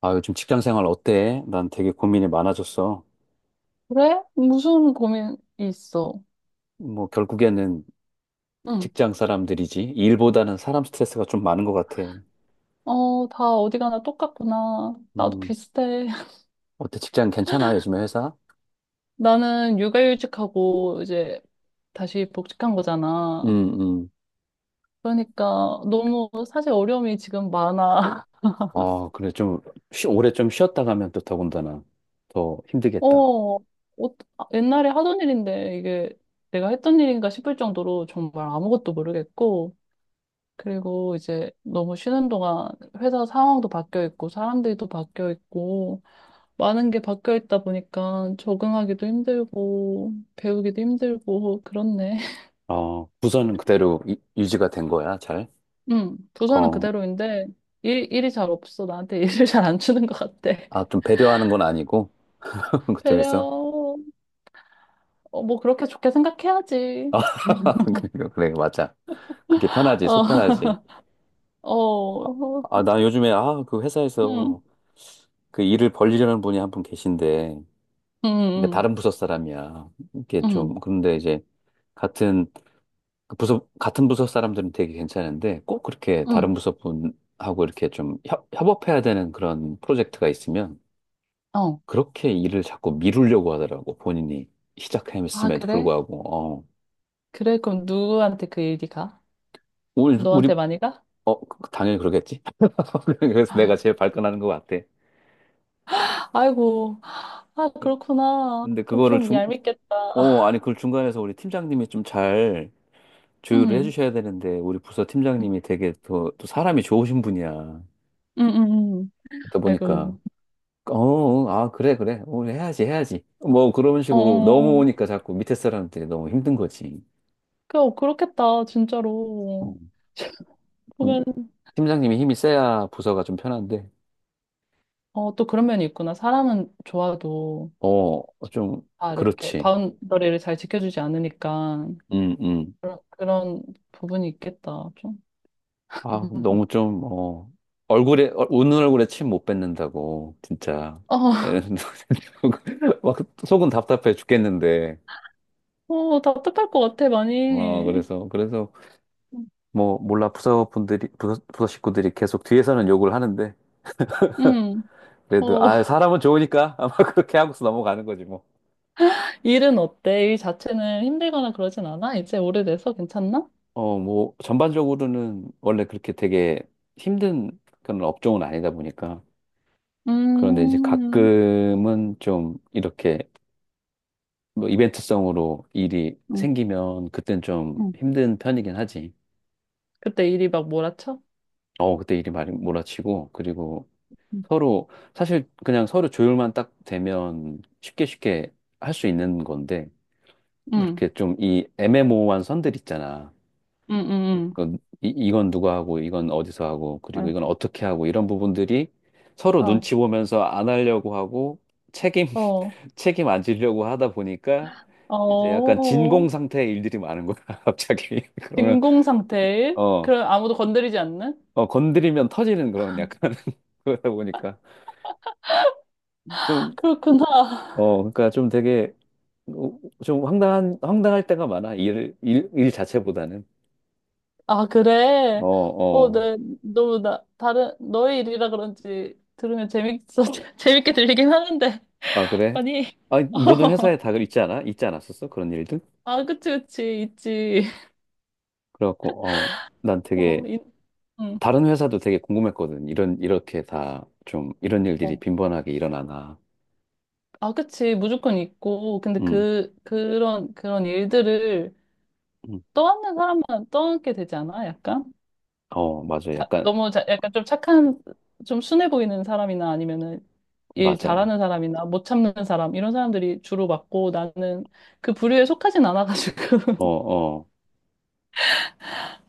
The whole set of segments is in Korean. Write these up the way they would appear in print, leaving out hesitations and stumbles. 요즘 직장 생활 어때? 난 되게 고민이 많아졌어. 그래? 무슨 고민이 있어? 뭐, 결국에는 응. 직장 사람들이지. 일보다는 사람 스트레스가 좀 많은 것 같아. 어, 다 어디 가나 똑같구나. 나도 음, 비슷해. 어때? 직장 괜찮아? 요즘에 회사? 나는 육아휴직하고 이제 다시 복직한 거잖아. 음, 음. 그러니까 너무 사실 어려움이 지금 많아. 좀, 오래 좀 쉬었다 가면 또 더군다나 더 어, 힘들겠다. 어, 아, 옛날에 하던 일인데 이게 내가 했던 일인가 싶을 정도로 정말 아무것도 모르겠고. 그리고 이제 너무 쉬는 동안 회사 상황도 바뀌어 있고 사람들도 바뀌어 있고 많은 게 바뀌어 있다 보니까 적응하기도 힘들고 배우기도 힘들고 그렇네. 부서는 그대로 유지가 된 거야, 잘? 응, 부서는 어, 그대로인데 일이 잘 없어. 나한테 일을 잘 안 주는 것 같아. 좀 배려하는 건 아니고. 배려, 그쪽에서? 어, 뭐 그렇게 좋게 생각해야지. 아, 그래, 그래, 맞아. 그게 편하지, 어, 속 편하지. 아, 어, 나 요즘에 그 응, 회사에서 그 일을 벌리려는 분이 한 분 계신데, 응, 그러니까 응, 다른 부서 사람이야. 이게 응, 좀, 그런데 이제, 같은, 그 같은 부서 사람들은 되게 괜찮은데, 꼭 그렇게 다른 응, 부서 분하고 이렇게 좀 협업해야 되는 그런 프로젝트가 있으면, 응. 어. 그렇게 일을 자꾸 미루려고 하더라고, 본인이 아, 시작했음에도 그래? 불구하고. 어. 그래, 그럼 누구한테 그 일이 가? 우리, 너한테 많이 가? 당연히 그러겠지. 그래서 내가 제일 발끈하는 것 같아. 아이고, 아, 그렇구나. 근데 그럼 그거를 좀 중, 얄밉겠다. 어, 아니, 그걸 중간에서 우리 팀장님이 좀 잘 조율을 응. 해주셔야 되는데, 우리 부서 팀장님이 되게 또, 또 사람이 좋으신 분이야. 응응응. 그러다 보니까, 아이고. 그래, 그래. 우리 해야지, 해야지. 뭐 그런 어, 식으로 어, 어. 넘어오니까 자꾸 밑에 사람한테 너무 힘든 거지. 그, 어, 그렇겠다, 어. 진짜로. 음. 보면, 팀장님이 힘이 세야 부서가 좀 편한데, 어, 또 그런 면이 있구나. 사람은 좋아도 어, 좀, 다 이렇게 그렇지. 바운더리를 잘 지켜주지 않으니까 음, 음. 그런 부분이 있겠다, 좀. 너무 좀, 얼굴에, 웃는 얼굴에 침 못 뱉는다고, 진짜. 에, 어, 막 속은 답답해 죽겠는데. 어, 답답할 것 같아, 어, 많이. 그래서, 뭐, 몰라, 부서 식구들이 계속 뒤에서는 욕을 하는데, 응. 그래도, 어, 아, 사람은 좋으니까, 아마 그렇게 하고서 넘어가는 거지, 뭐. 일은 어때? 일 자체는 힘들거나 그러진 않아? 이제 오래돼서 괜찮나? 뭐, 전반적으로는 원래 그렇게 되게 힘든 그런 업종은 아니다 보니까. 그런데 이제 음, 가끔은 좀 이렇게 뭐 이벤트성으로 일이 응, 생기면 그땐 좀 응. 힘든 편이긴 하지. 그때 일이 막 몰아쳐? 그때 일이 많이 몰아치고, 그리고 응, 서로 사실 그냥 서로 조율만 딱 되면 쉽게 쉽게 할 수 있는 건데, 응, 그렇게 좀 이 애매모호한 선들 있잖아. 응, 이건 누가 하고, 이건 어디서 하고, 그리고 응. 이건 어떻게 하고, 이런 부분들이 서로 어, 눈치 보면서 안 하려고 하고 책임 어, 책임 안 지려고 하다 보니까 이제 약간 어, 진공 상태의 일들이 많은 거야, 갑자기. 그러면 진공 상태. 어, 그럼 아무도 건드리지 않는? 어, 건드리면 터지는 그런 약간. 그러다 보니까 그럼 그렇구나. 그러니까 좀 되게 좀 황당한 황당할 때가 많아. 일 자체보다는. 아, 그래. 어어아 어, 네. 너무 나, 다른, 너의 일이라 그런지 들으면 재밌어. 재밌게 들리긴 하는데. 그래. 아니, 모든 회사에 다 있지 않았었어, 그런 일들. 아, 그치, 그치. 있지. 그래갖고 어 난 어, 되게 있, 응. 다른 회사도 되게 궁금했거든, 이런 이렇게 다 좀 이런 일들이 어, 빈번하게 일어나나. 아, 그치. 무조건 있고. 근데 음어 그, 그런, 그런 일들을 떠안는 사람만 떠안게 되지 않아? 약간? 맞아 약간 너무 약간 좀 착한, 좀 순해 보이는 사람이나 아니면은 일 맞아 잘하는 사람이나 못 참는 사람 이런 사람들이 주로 맞고 나는 그 부류에 속하진 않아가지고 어어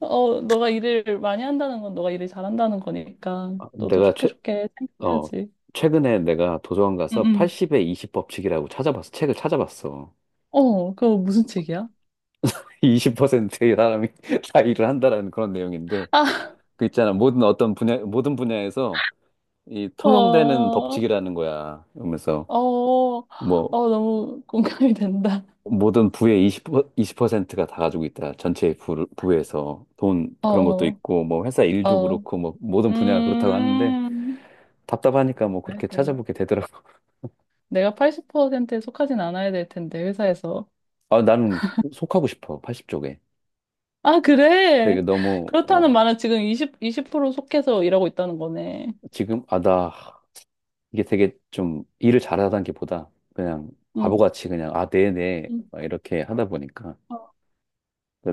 어 너가 일을 많이 한다는 건 너가 일을 잘한다는 거니까 너도 내가 좋게 최 좋게 어, 생각해야지. 최근에 내가 도서관 가서 응응. 80의 20 법칙이라고 찾아봤어. 책을 찾아봤어. 어 그거 무슨 책이야? 20%의 사람이 다 일을 한다라는 그런 내용인데, 아, 그 있잖아. 모든 분야에서 이 통용되는 어, 법칙이라는 거야. 그러면서 어, 어, 뭐, 너무 공감이 된다. 모든 부의 20, 센트가 다 가지고 있다. 전체 부에서 돈, 어, 그런 것도 어, 있고, 뭐 회사 일도 어. 그렇고, 뭐 모든 분야가 그렇다고 하는데, 음. 답답하니까 뭐 그래 그렇게 어 찾아보게 되더라고. 내가 80%에 속하진 않아야 될 텐데, 회사에서. 아, 나는 속하고 싶어, 80쪽에. 아, 그래? 되게 너무 그렇다는 말은 지금 20% 속해서 일하고 있다는 거네. 지금, 아, 나, 이게 되게 좀 일을 잘하다는 게 보다 그냥 응. 바보같이 그냥, 아, 네네, 응. 막 이렇게 하다 보니까. 어.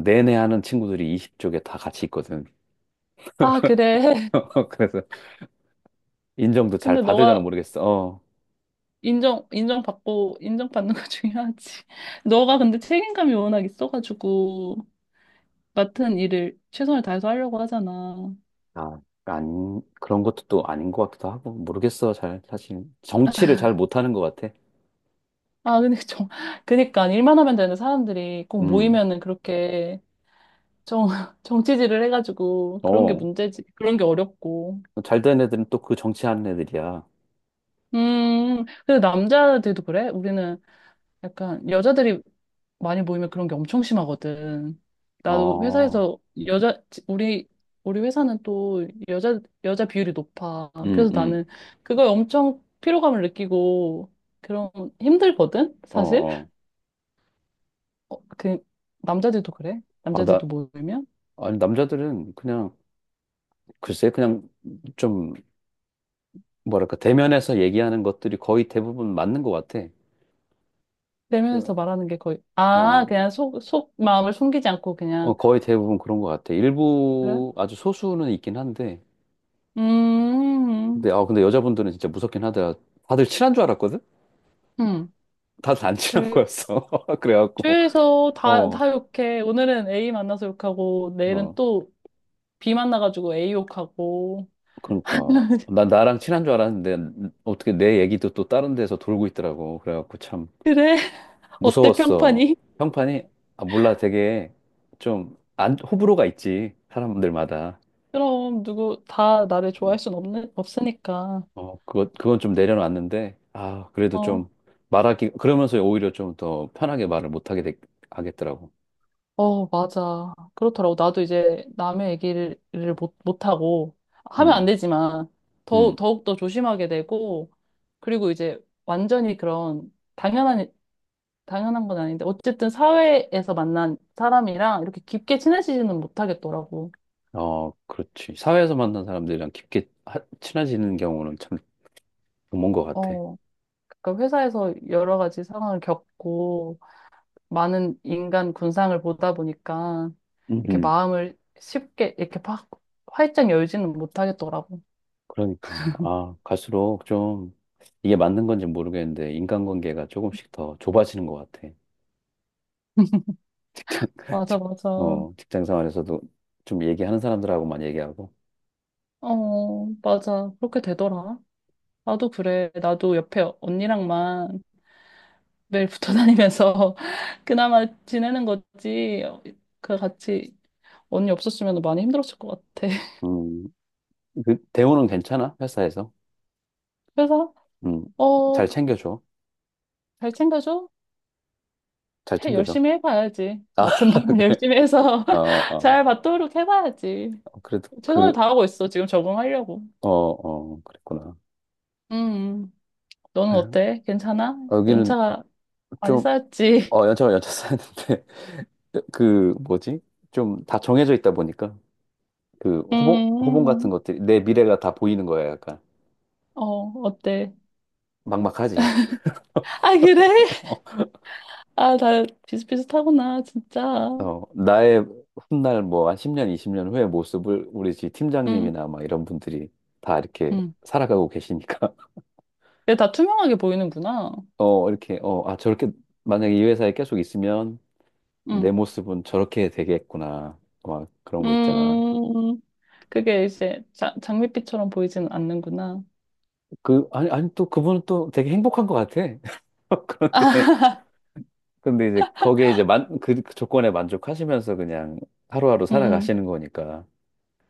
네네 하는 친구들이 20쪽에 다 같이 있거든. 아, 그래. 그래서 인정도 잘 근데 받으려나 너가 모르겠어. 어. 인정받고, 인정받는 거 중요하지. 너가 근데 책임감이 워낙 있어가지고, 맡은 일을 최선을 다해서 하려고 하잖아. 아, 안, 그런 것도 또 아닌 것 같기도 하고, 모르겠어, 잘, 사실. 정치를 잘 못하는 것 같아. 아, 근데 그니까, 일만 하면 되는 사람들이 꼭 음, 모이면은 그렇게 정, 정치질을 해가지고, 그런 게 어. 문제지. 그런 게 어렵고. 잘 된 애들은 또 그 정치하는 애들이야. 근데 남자들도 그래? 우리는 약간 여자들이 많이 모이면 그런 게 엄청 심하거든. 나도 어, 회사에서 여자 우리 우리 회사는 또 여자 비율이 높아. 음, 그래서 음, 나는 그걸 엄청 피로감을 느끼고 그런 힘들거든, 어, 사실. 어. 어, 그 남자들도 그래. 아, 나, 남자들도 모이면 아니, 남자들은 그냥 글쎄, 그냥 좀, 뭐랄까, 대면에서 얘기하는 것들이 거의 대부분 맞는 것 같아. 그, 대면에서 말하는 게 거의 아, 어, 그냥 속 마음을 숨기지 않고 어, 그냥 거의 대부분 그런 것 같아. 그래? 일부, 아주 소수는 있긴 한데, 음. 음. 근데 여자분들은 진짜 무섭긴 하더라. 다들 친한 줄 알았거든? 음. 다들 안 친한 그래. 거였어. 그래갖고, 주위에서 다, 어, 다 욕해. 오늘은 A 만나서 욕하고, 내일은 어, 또 B 만나가지고 A 욕하고. 그러니까. 난 나랑 친한 줄 알았는데, 어떻게 내 얘기도 또 다른 데서 돌고 있더라고. 그래갖고 참 그래? 어때, 무서웠어. 평판이? 평판이, 몰라, 되게 좀, 안, 호불호가 있지. 사람들마다. 그럼, 누구, 다 나를 좋아할 음. 순 없는, 없으니까. 그건 좀 내려놨는데, 아, 그래도 어, 좀 그러면서 오히려 좀 더 편하게 말을 하겠더라고. 어, 맞아. 그렇더라고. 나도 이제 남의 얘기를 못, 못하고, 하면 안 음, 되지만, 음, 더욱더 조심하게 되고, 그리고 이제 완전히 그런 당연한 건 아닌데 어쨌든 사회에서 만난 사람이랑 이렇게 깊게 친해지지는 못하겠더라고. 어, 그렇지. 사회에서 만난 사람들이랑 깊게 친해지는 경우는 참 드문 것 같아. 어, 그러니까 회사에서 여러 가지 상황을 겪고 많은 인간 군상을 보다 보니까 음, 이렇게 음. 마음을 쉽게 이렇게 팍 활짝 열지는 못하겠더라고. 그러니까, 아, 갈수록 좀 이게 맞는 건지 모르겠는데, 인간관계가 조금씩 더 좁아지는 것 같아. 직장, 맞아, 직, 맞아. 어, 어, 직장 생활에서도 좀 얘기하는 사람들하고만 얘기하고. 맞아. 그렇게 되더라. 나도 그래. 나도 옆에 언니랑만 매일 붙어 다니면서 그나마 지내는 거지. 그 같이 언니 없었으면 많이 힘들었을 것 같아. 음. 그, 대우는 괜찮아? 회사에서? 그래서, 음, 어, 잘 챙겨줘. 잘 챙겨줘? 잘 해, 챙겨줘. 열심히 해봐야지. 아, 맡은 바는 그래. 열심히 해서 어, 어. 잘 받도록 해봐야지. 그래도 최선을 그, 다하고 있어, 지금 적응하려고. 어, 어, 그랬구나. 음, 너는 아유, 어때? 괜찮아? 여기는 연차가 많이 좀, 쌓였지? 어, 연차 쌓였는데, 그, 뭐지? 좀 다 정해져 있다 보니까, 그, 호봉 같은 음, 것들이, 내 미래가 다 보이는 거야, 약간. 어, 어때? 막막하지. 아, 그래? 아, 다 비슷비슷하구나, 진짜. 어, 나의 훗날 뭐, 한 10년, 20년 후의 모습을 우리 집 음, 팀장님이나 막 이런 분들이 다 이렇게 음. 살아가고 계시니까. 근데 다 투명하게 보이는구나. 저렇게, 만약에 이 회사에 계속 있으면, 음, 내 모습은 저렇게 되겠구나. 막 그런 거 있잖아. 음. 그게 이제 자, 장밋빛처럼 보이진 않는구나. 아니, 또 그분은 또 되게 행복한 것 같아. 그런데, 아, 근데 이제 거기에 이제 만, 그 그 조건에 만족하시면서 그냥 하루하루 응, 살아가시는 거니까.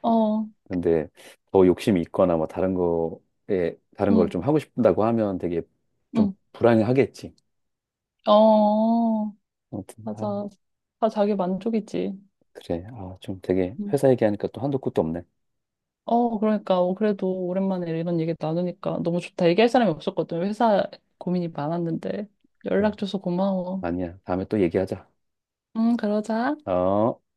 응. 어, 근데 더 욕심이 있거나 뭐 다른 걸 응, 좀 하고 싶다고 하면 되게 좀 응. 불안해하겠지. 어, 아무튼, 아, 맞아. 다 자기 만족이지. 그래. 아, 좀 되게 음. 회사 얘기하니까 또 한도 끝도 없네. 어, 그러니까. 어, 그래도 오랜만에 이런 얘기 나누니까 너무 좋다. 얘기할 사람이 없었거든. 회사 고민이 많았는데. 그래. 연락 줘서 고마워. 아니야. 다음에 또 얘기하자. 응, 그러자. 어.